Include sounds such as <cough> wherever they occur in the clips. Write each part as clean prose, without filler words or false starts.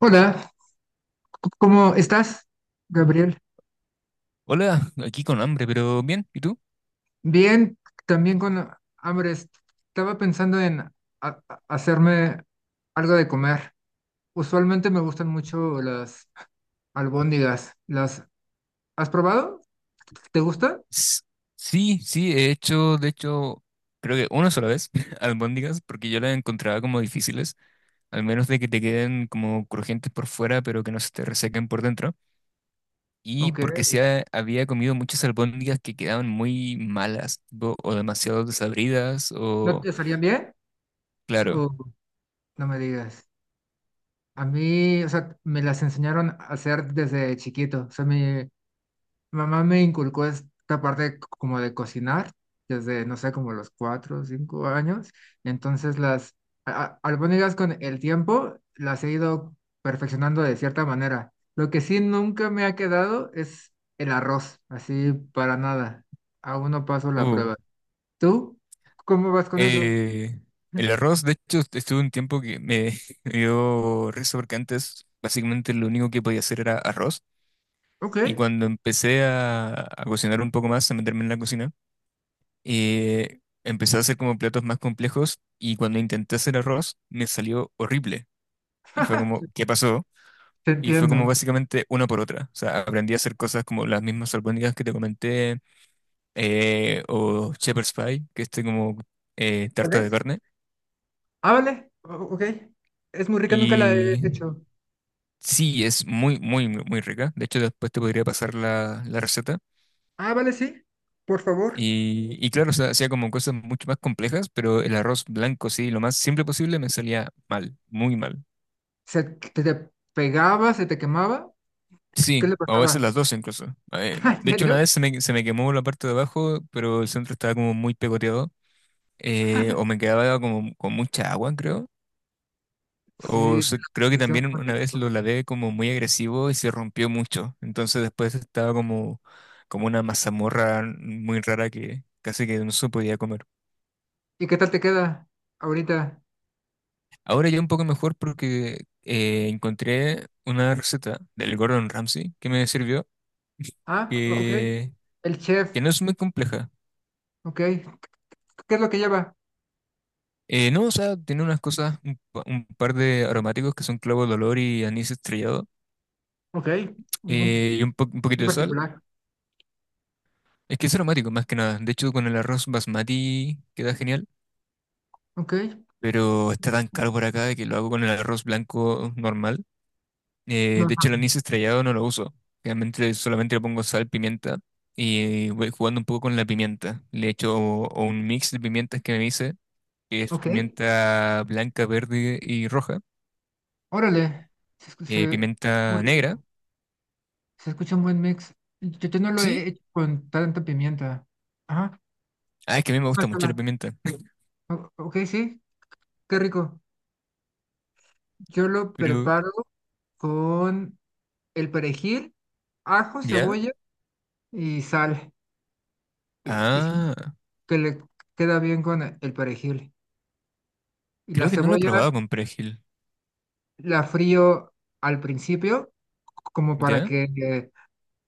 Hola, ¿cómo estás, Gabriel? Hola, aquí con hambre, pero bien, ¿y tú? Bien, también con hambre. Estaba pensando en hacerme algo de comer. Usualmente me gustan mucho las albóndigas. ¿Las has probado? ¿Te gusta? S- sí, he hecho, de hecho, creo que una sola vez, <laughs> albóndigas, porque yo las encontraba como difíciles, al menos de que te queden como crujientes por fuera, pero que no se te resequen por dentro. Y Ok. porque sí había comido muchas albóndigas que quedaban muy malas, tipo, o demasiado desabridas, ¿No o, te salían bien? claro. O no me digas. A mí, o sea, me las enseñaron a hacer desde chiquito. O sea, mi mamá me inculcó esta parte como de cocinar desde, no sé, como los 4 o 5 años. Entonces las albóndigas con el tiempo las he ido perfeccionando de cierta manera. Lo que sí nunca me ha quedado es el arroz, así para nada. Aún no paso la uh, prueba. ¿Tú cómo vas con eso? eh, el arroz, de hecho, estuve un tiempo <laughs> me dio risa porque antes básicamente lo único que podía hacer era arroz. Ok, Y cuando empecé a cocinar un poco más, a meterme en la cocina, empecé a hacer como platos más complejos y cuando intenté hacer arroz me salió horrible. Y fue como, <laughs> ¿qué pasó? te Y fue como entiendo. básicamente una por otra. O sea, aprendí a hacer cosas como las mismas albóndigas que te comenté, o shepherd's pie, que es este como ¿Tal tarta de vez? carne. Ah, vale. Ok. Es muy rica, nunca la he Y hecho. sí, es muy, muy, muy muy rica. De hecho, después te podría pasar la receta. Ah, vale, sí. Por favor. Y claro, o sea, hacía como cosas mucho más complejas, pero el arroz blanco, sí, lo más simple posible me salía mal, muy mal. ¿Se te pegaba, se te quemaba? Sí, ¿Qué le a veces pasaba? las dos incluso. <laughs> ¿En De hecho, una serio? vez se me quemó la parte de abajo, pero el centro estaba como muy pegoteado, o me quedaba como con mucha agua, creo. Sí, es la Creo que posición también con el una vez atún. lo lavé como muy agresivo y se rompió mucho. Entonces después estaba como como una mazamorra muy rara que casi que no se podía comer. ¿Y qué tal te queda ahorita? Ahora ya un poco mejor porque encontré una receta del Gordon Ramsay que me sirvió, Ah, ok. que, El chef, que no es muy compleja. ok. ¿Qué es lo que lleva? No, o sea, tiene unas cosas, un par de aromáticos que son clavo de olor y anís estrellado, Ok. Muy y un poquito muy de sal. particular. Es que es aromático más que nada. De hecho, con el arroz basmati queda genial, Ok. pero está tan caro por acá que lo hago con el arroz blanco normal. No, De hecho, el anís estrellado no lo uso. Realmente solamente le pongo sal, pimienta y voy jugando un poco con la pimienta. Le echo o un mix de pimientas que me hice, que es ok. pimienta blanca, verde y roja. Órale. Se, escu- se, Está muy Pimienta negra, rico. Se escucha un buen mix. Yo no lo sí. he hecho con tanta pimienta. Ajá. Ah, es que a mí me gusta mucho Pásala. la pimienta. <laughs> Ok, sí. Qué rico. Yo lo Pero, preparo con el perejil, ajo, ¿ya? cebolla y sal. Y sí, Ah, que le queda bien con el perejil. Y la creo que no lo he cebolla probado con perejil. la frío al principio, como para ¿Ya? que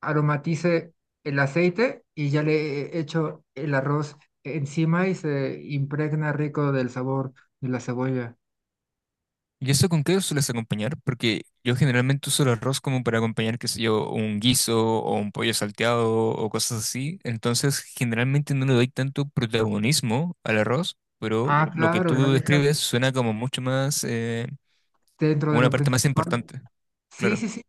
aromatice el aceite y ya le echo el arroz encima y se impregna rico del sabor de la cebolla. ¿Y eso con qué lo sueles acompañar? Porque yo generalmente uso el arroz como para acompañar, qué sé yo, un guiso o un pollo salteado o cosas así. Entonces, generalmente no le doy tanto protagonismo al arroz, pero Ah, lo que claro, la tú dejas describes suena como mucho más, dentro como de una lo parte más principal. importante. Sí, Claro. sí, sí.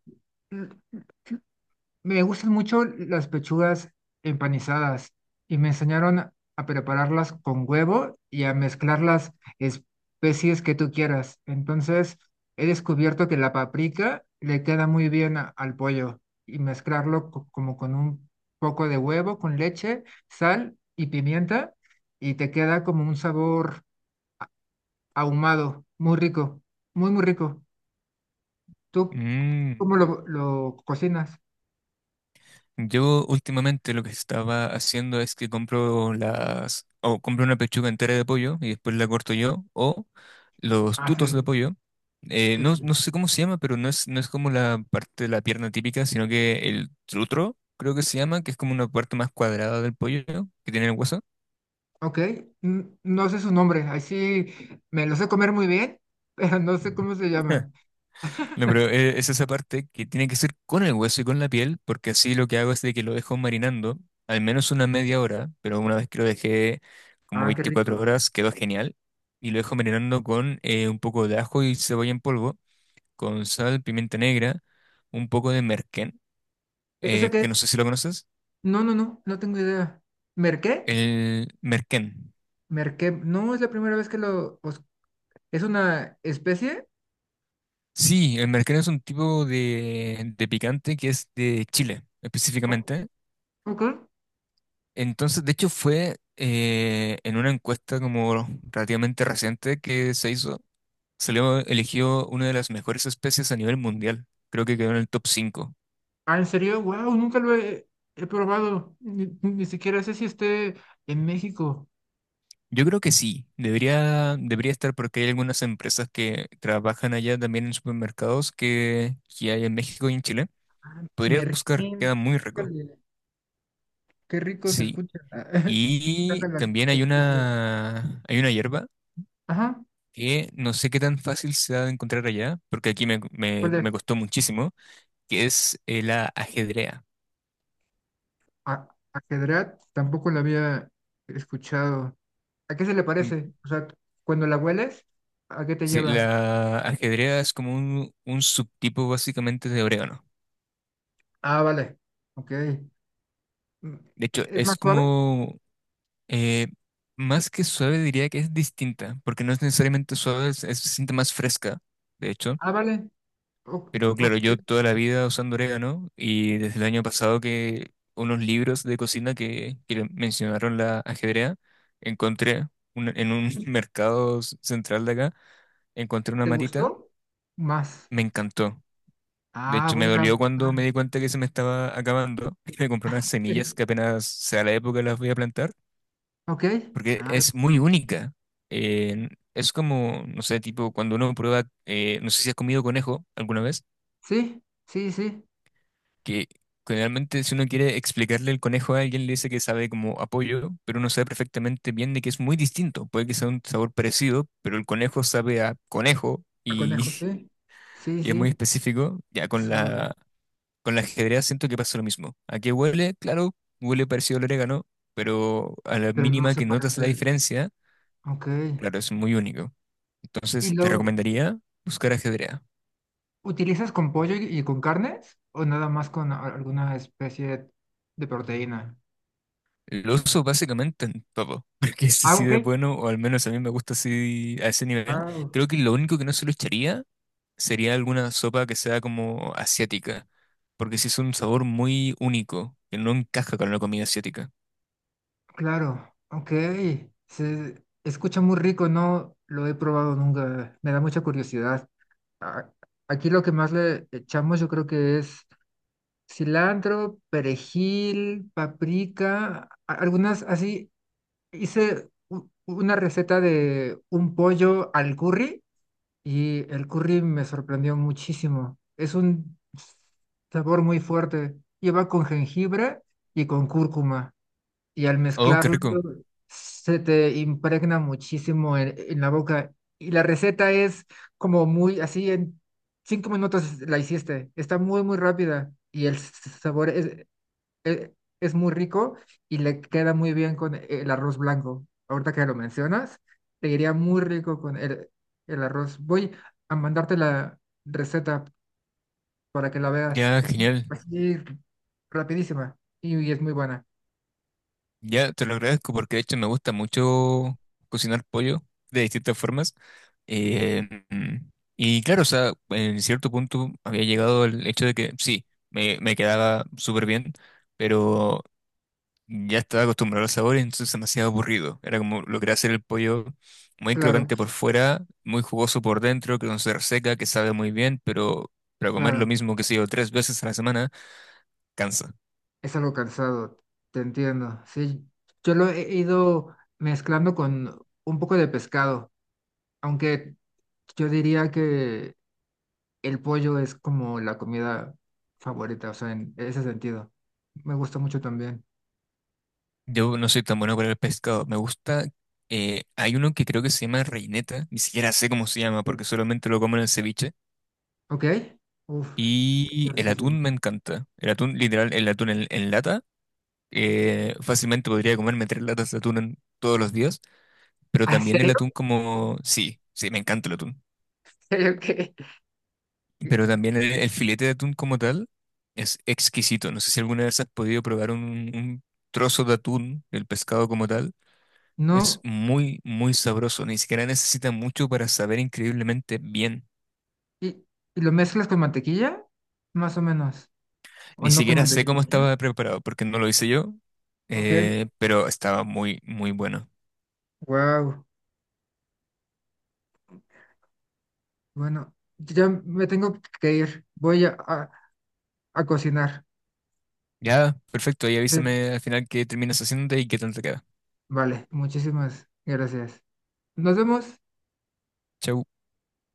Me gustan mucho las pechugas empanizadas y me enseñaron a prepararlas con huevo y a mezclar las especies que tú quieras. Entonces, he descubierto que la paprika le queda muy bien al pollo y mezclarlo como con un poco de huevo, con leche, sal y pimienta y te queda como un sabor ahumado, muy rico, muy, muy rico. ¿Tú Mm. cómo lo cocinas? Yo últimamente lo que estaba haciendo es que compro las, o compro una pechuga entera de pollo y después la corto yo, o los Ah, tutos de sí, pollo. Qué chido. No sé cómo se llama, pero no es como la parte de la pierna típica, sino que el trutro, creo que se llama, que es como una parte más cuadrada del pollo, ¿no?, que tiene el hueso. Ok, no sé su nombre, ahí sí me lo sé comer muy bien, <laughs> pero no sé cómo se llama. <laughs> No, pero es esa parte que tiene que ser con el hueso y con la piel, porque así lo que hago es de que lo dejo marinando al menos una media hora, pero una vez que lo dejé como Ah, qué 24 rico. horas quedó genial, y lo dejo marinando con un poco de ajo y cebolla en polvo, con sal, pimienta negra, un poco de merquén, ¿Ese qué que no es? sé si lo conoces, No, no, no, no tengo idea. ¿Merqué? el merquén. ¿Merqué? No, es la primera vez que lo. ¿Es una especie? Sí, el merquén es un tipo de picante que es de Chile, O- específicamente. ok. Entonces, de hecho, fue en una encuesta como relativamente reciente que se hizo, salió elegido una de las mejores especies a nivel mundial. Creo que quedó en el top cinco. Ah, ¿en serio? Wow, nunca lo he probado. Ni siquiera sé si esté en México. Yo creo que sí, debería estar porque hay algunas empresas que trabajan allá también en supermercados que hay en México y en Chile. Podrías buscar, Merqué. queda muy rico. Órale. Qué rico se Sí. escucha. <laughs> Y Encantan las también especies. Hay una hierba Ajá. que no sé qué tan fácil se ha de encontrar allá, porque ¿Cuál es? me costó muchísimo, que es la ajedrea. Ajedrat tampoco la había escuchado. ¿A qué se le Mm, parece? O sea, cuando la hueles, ¿a qué te Sí, lleva? la ajedrea es como un subtipo básicamente de orégano. Ah, vale. Ok. Mm, De hecho, ¿Es es más suave? como eh, más que suave diría que es distinta, porque no es necesariamente suave, se siente más fresca, de hecho. Ah, vale. Pero Ok. claro, yo toda la vida usando orégano y desde el año pasado que unos libros de cocina que mencionaron la ajedrea, encontré en un <laughs> central de acá, encontré una ¿Te matita, gustó? Más. me encantó. De Ah, hecho, me voy a dolió buscar. cuando me di cuenta que se me estaba acabando. <laughs> Me compré unas semillas Ok, que apenas sea la época las voy a plantar, ok. porque Ah, es muy única. Eh, es como, no sé, tipo cuando uno prueba, no sé si has comido conejo alguna vez. sí, sí, sí. Que generalmente si uno quiere explicarle el conejo a alguien, le dice que sabe como apoyo, pero uno sabe perfectamente bien de que es muy distinto. Puede que sea un sabor parecido, pero el conejo sabe a conejo A conejo, y sí. <laughs> Sí, y es sí. muy específico. Ya Y con suave. Con la ajedrez siento que pasa lo mismo. ¿A qué huele? Claro, huele parecido al orégano, pero a la Pero no mínima se que notas la parece. diferencia, Ok. claro, es muy único. Y Entonces te luego. recomendaría buscar ajedrea. ¿Utilizas con pollo y con carnes o nada más con alguna especie de proteína? Lo uso básicamente en todo, <laughs> porque es Ah, así ok. de bueno, o al menos a mí me gusta así a ese nivel. Ah, Creo que lo único que no se lo echaría sería alguna sopa que sea como asiática, porque sí es un sabor muy único, que no encaja con la comida asiática. claro, ok. Se escucha muy rico, no lo he probado nunca. Me da mucha curiosidad. A- Aquí lo que más le echamos yo creo que es cilantro, perejil, paprika, algunas así. Hice una receta de un pollo al curry. El curry me sorprendió muchísimo. Es un sabor muy fuerte. Lleva con jengibre y con cúrcuma. Y al Oh, qué mezclarlo rico. se te impregna muchísimo en la boca. Y la receta es como muy así en 5 minutos la hiciste. Está muy, muy rápida. Y el sabor e- es muy rico y le queda muy bien con el arroz blanco. Ahorita que lo mencionas, te iría muy rico con el arroz. Voy a mandarte la receta para que la veas. Ya, Es genial. así rapidísima y es muy buena. Ya, te lo agradezco porque de hecho me gusta mucho cocinar pollo de distintas formas. Eh, mm, y claro, o sea, en cierto punto había llegado el hecho de que sí, me quedaba súper bien, pero ya estaba acostumbrado al sabor y entonces demasiado aburrido. Era como logré hacer el pollo muy Claro, crocante por fuera, muy jugoso por dentro, que no se reseca, que sabe muy bien, pero para comer lo claro. mismo que sé yo tres veces a la semana, cansa. Es algo cansado, te entiendo. Sí, yo lo he ido mezclando con un poco de pescado, aunque yo diría que el pollo es como la comida favorita, o sea, en ese sentido. Me gusta mucho también. Yo no soy tan bueno para el pescado. Me gusta. Hay uno que creo que se llama reineta. Ni siquiera sé cómo se llama Sí. porque solamente lo como en el ceviche. ¿Ok? Uf, está Y el riquísimo. atún <laughs> me encanta. El atún, literal, el atún en lata. Fácilmente podría comerme tres latas de atún todos los días. Pero Ah, ¿en también el serio? atún como... Sí, sí, me encanta el atún. <laughs> ¿En serio qué? Pero también el filete de atún como tal es exquisito. No sé si alguna vez has podido probar un trozo de atún, el pescado como tal. Es No, muy, muy sabroso. Ni siquiera necesita mucho para saber increíblemente bien. y, y lo mezclas con mantequilla, más o menos, o Ni no con siquiera sé mantequilla. cómo ¿Sí? estaba preparado porque no lo hice yo, Ok, pero estaba muy, muy bueno. wow. Bueno, ya me tengo que ir. Voy a cocinar. Ya, perfecto. Y Sí, avísame al final qué terminas haciéndote y qué tal te queda. vale, muchísimas gracias. Nos vemos. Chau.